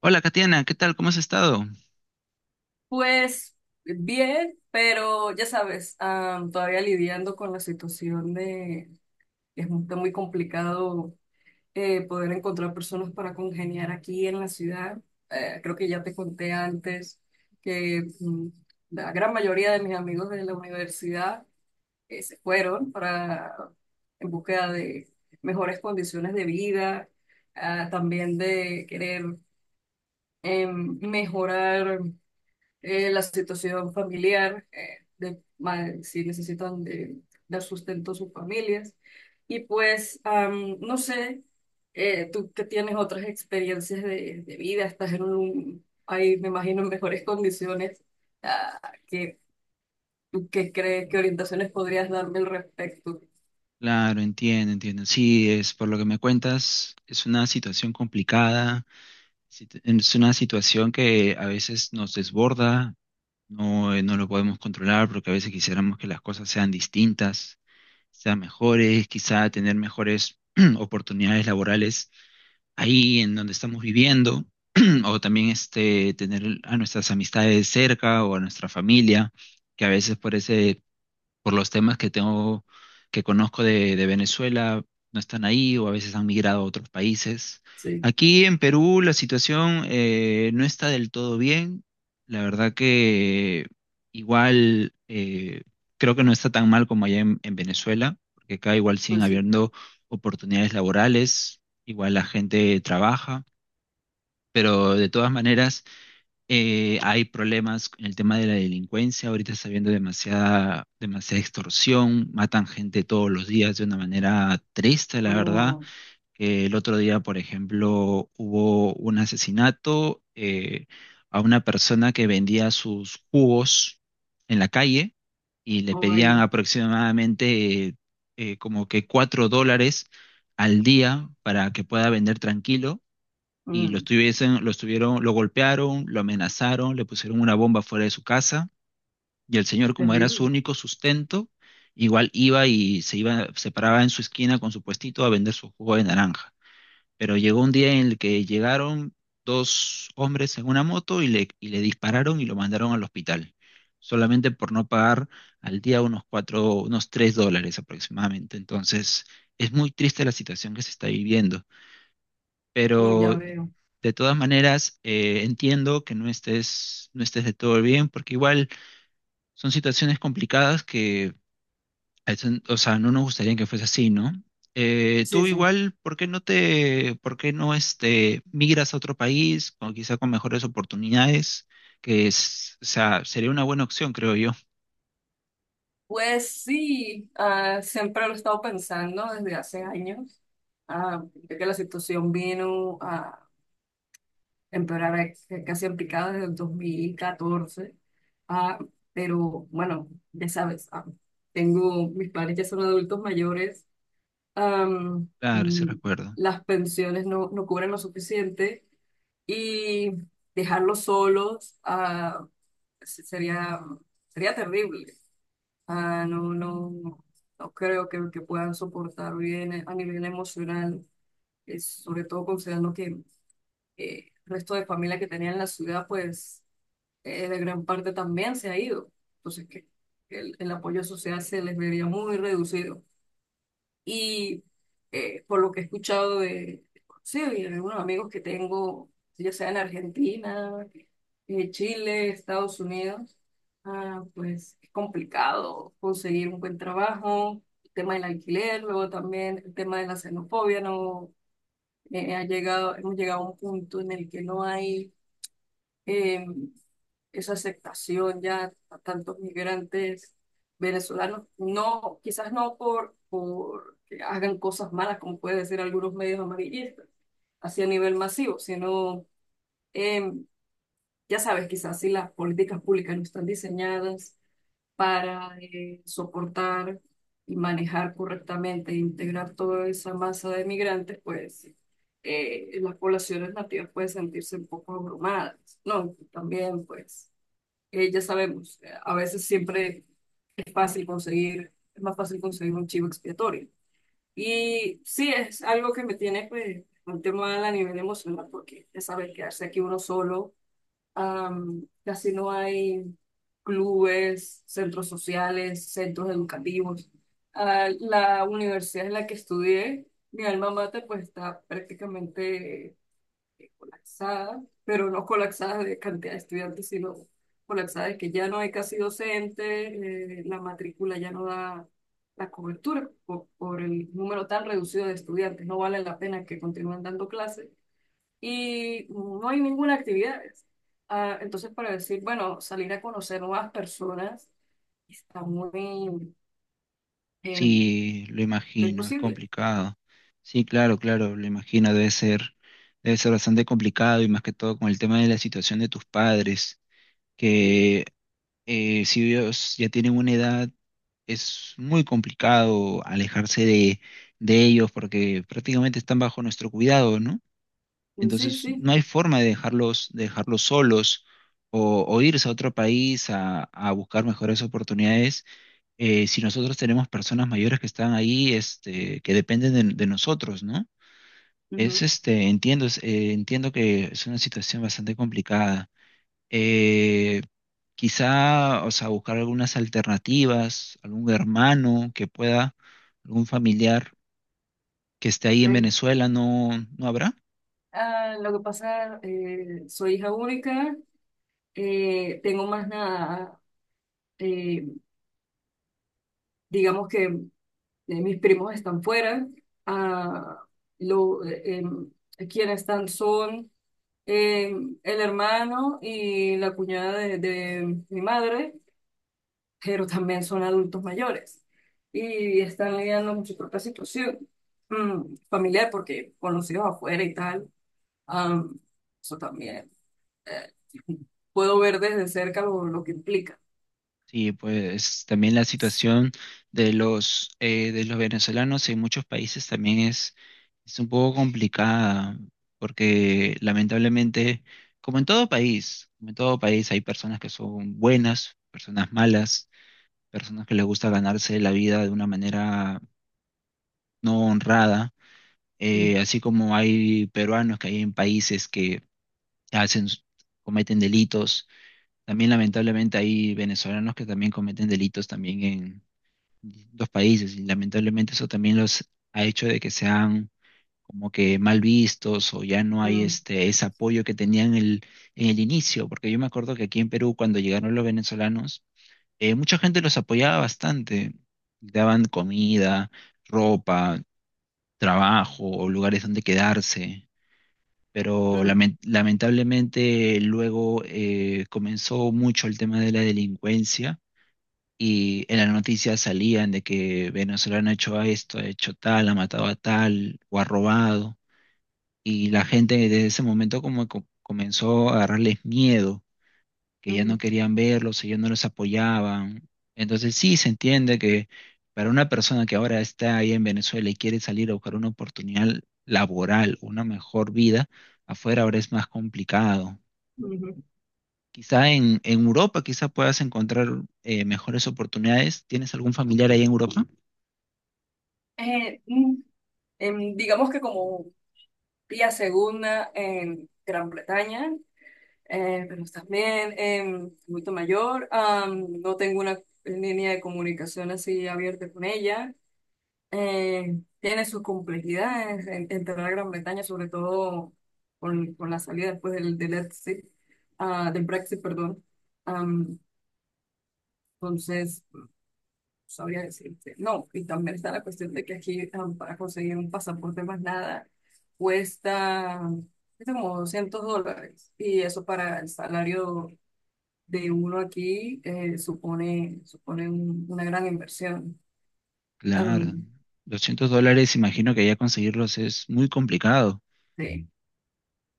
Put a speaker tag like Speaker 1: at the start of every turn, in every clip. Speaker 1: Hola, Katiana, ¿qué tal? ¿Cómo has estado?
Speaker 2: Pues bien, pero ya sabes, todavía lidiando con la situación de que está muy complicado poder encontrar personas para congeniar aquí en la ciudad. Creo que ya te conté antes que la gran mayoría de mis amigos de la universidad se fueron para en búsqueda de mejores condiciones de vida, también de querer mejorar la situación familiar, si necesitan dar sustento a sus familias. Y pues, no sé, tú que tienes otras experiencias de vida, estás ahí me imagino en mejores condiciones. ah, ¿qué, ¿Tú qué crees, qué orientaciones podrías darme al respecto?
Speaker 1: Claro, entiendo, entiendo. Sí, es por lo que me cuentas, es una situación complicada, es una situación que a veces nos desborda, no, no lo podemos controlar porque a veces quisiéramos que las cosas sean distintas, sean mejores, quizá tener mejores oportunidades laborales ahí en donde estamos viviendo, o también este, tener a nuestras amistades cerca o a nuestra familia, que a veces por ese por los temas que tengo, que conozco de Venezuela, no están ahí o a veces han migrado a otros países.
Speaker 2: Sí.
Speaker 1: Aquí en Perú la situación no está del todo bien. La verdad que igual creo que no está tan mal como allá en Venezuela, porque acá igual siguen
Speaker 2: Pues sí.
Speaker 1: habiendo oportunidades laborales, igual la gente trabaja, pero de todas maneras. Hay problemas en el tema de la delincuencia, ahorita está habiendo demasiada, demasiada extorsión, matan gente todos los días de una manera triste, la verdad.
Speaker 2: Como,
Speaker 1: El otro día, por ejemplo, hubo un asesinato a una persona que vendía sus jugos en la calle y le
Speaker 2: oh,
Speaker 1: pedían
Speaker 2: vaya.
Speaker 1: aproximadamente como que $4 al día para que pueda vender tranquilo y
Speaker 2: Mm.
Speaker 1: lo estuvieron, lo golpearon, lo amenazaron, le pusieron una bomba fuera de su casa, y el señor, como era su
Speaker 2: Terrible.
Speaker 1: único sustento, igual iba y se iba, se paraba en su esquina con su puestito a vender su jugo de naranja. Pero llegó un día en el que llegaron dos hombres en una moto y le dispararon y lo mandaron al hospital, solamente por no pagar al día unos cuatro, unos $3 aproximadamente. Entonces, es muy triste la situación que se está viviendo.
Speaker 2: Mm, ya
Speaker 1: Pero
Speaker 2: veo.
Speaker 1: de todas maneras, entiendo que no estés, no estés de todo bien, porque igual son situaciones complicadas que, o sea, no nos gustaría que fuese así, ¿no?
Speaker 2: Sí,
Speaker 1: Tú
Speaker 2: sí.
Speaker 1: igual, ¿por qué no te, por qué no este, migras a otro país, o quizá con mejores oportunidades? Que es, o sea, sería una buena opción, creo yo.
Speaker 2: Pues sí, siempre lo he estado pensando desde hace años, de que la situación vino a empeorar casi en picada desde el 2014, ah, pero bueno, ya sabes, tengo mis padres ya son adultos mayores, am,
Speaker 1: Claro, sí
Speaker 2: mm,
Speaker 1: recuerdo.
Speaker 2: las pensiones no cubren lo suficiente y dejarlos solos, se- sería, sería terrible. No, no, no, no creo que puedan soportar bien a nivel emocional, es, sobre todo considerando que el resto de familia que tenía en la ciudad, pues de gran parte también se ha ido. Entonces, que el apoyo social se les vería muy reducido. Y por lo que he escuchado de sí, y algunos amigos que tengo, ya sea en Argentina, Chile, Estados Unidos, pues es complicado conseguir un buen trabajo, el tema del alquiler, luego también el tema de la xenofobia, no, hemos llegado a un punto en el que no hay em, esa aceptación ya a tantos migrantes venezolanos, no, quizás no por que hagan cosas malas, como puede decir algunos medios amarillistas, hacia nivel masivo, sino, eh, ya sabes, quizás si las políticas públicas no están diseñadas para soportar y manejar correctamente e integrar toda esa masa de migrantes, pues las poblaciones nativas pueden sentirse un poco abrumadas, ¿no? También, pues ya sabemos, a veces siempre es más fácil conseguir un chivo expiatorio. Y sí, es algo que me tiene pues un tema a nivel emocional, porque ya sabes, quedarse aquí uno solo, casi no hay clubes, centros sociales, centros educativos. La universidad en la que estudié, mi alma mater, pues está prácticamente colapsada, pero no colapsada de cantidad de estudiantes, sino colapsada de que ya no hay casi docente, la matrícula ya no da la cobertura por el número tan reducido de estudiantes, no vale la pena que continúen dando clases y no hay ninguna actividad. Entonces, para decir, bueno, salir a conocer nuevas personas está muy eh,
Speaker 1: Sí, lo imagino, es
Speaker 2: imposible.
Speaker 1: complicado. Sí, claro, claro, lo imagino, debe ser bastante complicado y más que todo con el tema de la situación de tus padres,
Speaker 2: Sí,
Speaker 1: que si ellos ya tienen una edad, es muy complicado alejarse de ellos porque prácticamente están bajo nuestro cuidado, ¿no?
Speaker 2: sí,
Speaker 1: Entonces,
Speaker 2: sí.
Speaker 1: no hay forma de dejarlos solos o irse a otro país a buscar mejores oportunidades si nosotros tenemos personas mayores que están ahí, este, que dependen de nosotros, ¿no? Es
Speaker 2: Ujú.
Speaker 1: este, entiendo, es, entiendo que es una situación bastante complicada. Eh, Quizá, o sea, buscar algunas alternativas, algún hermano que pueda, algún familiar que esté ahí en
Speaker 2: Eh,
Speaker 1: Venezuela, ¿no, no habrá?
Speaker 2: lo que pasa, soy hija única, tengo más nada, eh, digamos que mis primos están fuera, ah, lo, eh, em, quienes están son eh, el hermano y la cuñada de mi madre, pero también son adultos mayores y están lidiando con su propia situación familiar, porque con los hijos afuera y tal, am, eso también eh, puedo ver desde cerca lo que implica.
Speaker 1: Sí, pues también la situación de los venezolanos en muchos países también es. Es un poco complicada porque lamentablemente, como en todo país, como en todo país hay personas que son buenas, personas malas, personas que les gusta ganarse la vida de una manera no honrada,
Speaker 2: Mm,
Speaker 1: así como hay peruanos que hay en países que hacen, cometen delitos, también lamentablemente hay venezolanos que también cometen delitos también en los países y lamentablemente eso también los ha hecho de que sean como que mal vistos o ya no hay
Speaker 2: mm,
Speaker 1: este, ese apoyo que tenían en el inicio, porque yo me acuerdo que aquí en Perú cuando llegaron los venezolanos, mucha gente los apoyaba bastante, daban comida, ropa, trabajo o lugares donde quedarse. Pero
Speaker 2: mm.
Speaker 1: lamentablemente luego comenzó mucho el tema de la delincuencia y en las noticias salían de que venezolano ha hecho esto, ha hecho tal, ha matado a tal o ha robado. Y la gente desde ese momento como comenzó a agarrarles miedo, que ya
Speaker 2: Ujú,
Speaker 1: no querían verlos, que ya no los apoyaban. Entonces sí se entiende que para una persona que ahora está ahí en Venezuela y quiere salir a buscar una oportunidad laboral, una mejor vida, afuera ahora es más complicado.
Speaker 2: ujú.
Speaker 1: Quizá en Europa, quizá puedas encontrar mejores oportunidades. ¿Tienes algún familiar ahí en Europa?
Speaker 2: Eh, mm, digamos que como Pía Segunda en Gran Bretaña, pero también en Adulto Mayor, no tengo una línea de comunicación así abierta con ella. Tiene sus complejidades en entrar a Gran Bretaña, sobre todo con la salida después del Brexit, del Brexit, perdón. Am, entonces, sabría decirte. No, y también está la cuestión de que aquí para conseguir un pasaporte más nada cuesta, cuesta como $200. Y eso para el salario de uno aquí supone una gran inversión.
Speaker 1: Claro,
Speaker 2: Am,
Speaker 1: $200, imagino que ya conseguirlos es muy complicado.
Speaker 2: sí,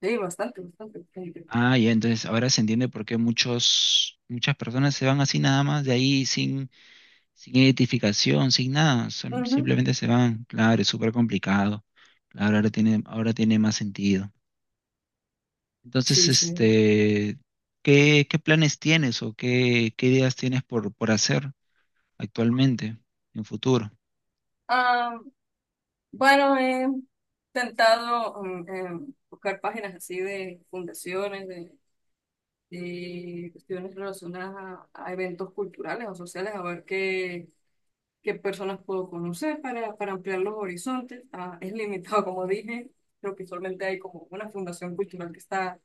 Speaker 2: sí, bastante, bastante. Bastante.
Speaker 1: Ah, ya, entonces ahora se entiende por qué muchos, muchas personas se van así nada más de ahí sin, sin identificación, sin nada,
Speaker 2: Ujú.
Speaker 1: simplemente se van. Claro, es súper complicado. Claro, ahora tiene más sentido. Entonces,
Speaker 2: Sí, sí.
Speaker 1: este, ¿qué, qué planes tienes o qué, qué ideas tienes por hacer actualmente, en futuro?
Speaker 2: Ah, bueno, he intentado buscar páginas así de fundaciones, de cuestiones relacionadas a eventos culturales o sociales, a ver qué personas puedo conocer para ampliar los horizontes. Es limitado, como dije, creo que solamente hay como una fundación cultural que está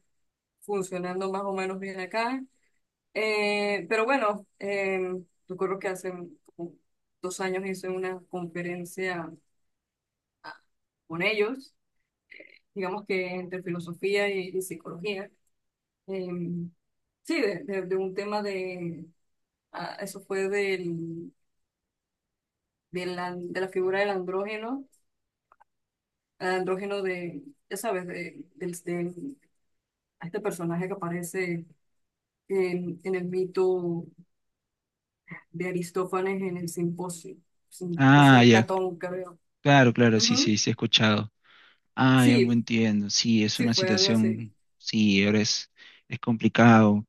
Speaker 2: funcionando más o menos bien acá. Pero bueno, recuerdo que hace como 2 años hice una conferencia con ellos, digamos que entre filosofía y psicología. Em, sí, de de un tema de. Eso fue de la figura del andrógeno, el andrógeno de, ya sabes, de este personaje que aparece en el mito de Aristófanes en el simposio
Speaker 1: Ah,
Speaker 2: de
Speaker 1: ya,
Speaker 2: Platón, creo.
Speaker 1: claro, claro, sí,
Speaker 2: Ujú.
Speaker 1: sí, sí he escuchado. Ah, ya me
Speaker 2: Sí,
Speaker 1: entiendo. Sí, es
Speaker 2: sí,
Speaker 1: una
Speaker 2: fue algo así.
Speaker 1: situación, sí, ahora es complicado.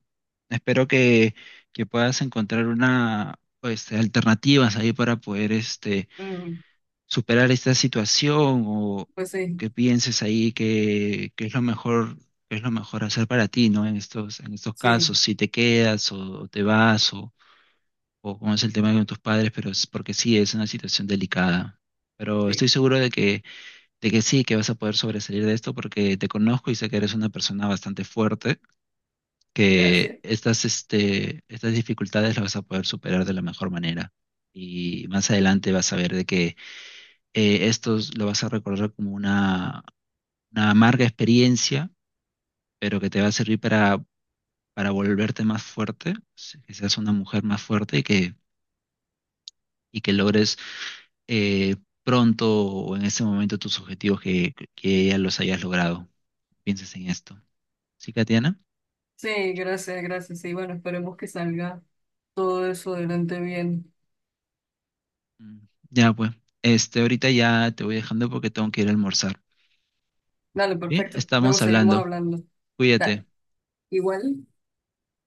Speaker 1: Espero que puedas encontrar una, este, alternativas ahí para poder este,
Speaker 2: Mm,
Speaker 1: superar esta situación o
Speaker 2: pues sí,
Speaker 1: que pienses ahí que es lo mejor, que es lo mejor hacer para ti, ¿no? En estos casos,
Speaker 2: sí,
Speaker 1: si te quedas o, te vas o cómo es el tema con tus padres, pero es porque sí, es una situación delicada. Pero estoy
Speaker 2: sí.
Speaker 1: seguro de que sí, que vas a poder sobresalir de esto porque te conozco y sé que eres una persona bastante fuerte que
Speaker 2: Gracias.
Speaker 1: estas, este, estas dificultades las vas a poder superar de la mejor manera. Y más adelante vas a ver de que esto lo vas a recordar como una amarga experiencia, pero que te va a servir para volverte más fuerte, que seas una mujer más fuerte y que logres eh, pronto o en ese momento tus objetivos que ya los hayas logrado. Pienses en esto. ¿Sí, Katiana?
Speaker 2: Sí, gracias, gracias. Sí, bueno, esperemos que salga todo eso adelante bien.
Speaker 1: Mm, ya, pues. Este, ahorita ya te voy dejando porque tengo que ir a almorzar.
Speaker 2: Dale,
Speaker 1: Bien,
Speaker 2: perfecto. Luego
Speaker 1: estamos
Speaker 2: seguimos
Speaker 1: hablando.
Speaker 2: hablando.
Speaker 1: Cuídate.
Speaker 2: Dale. Igual.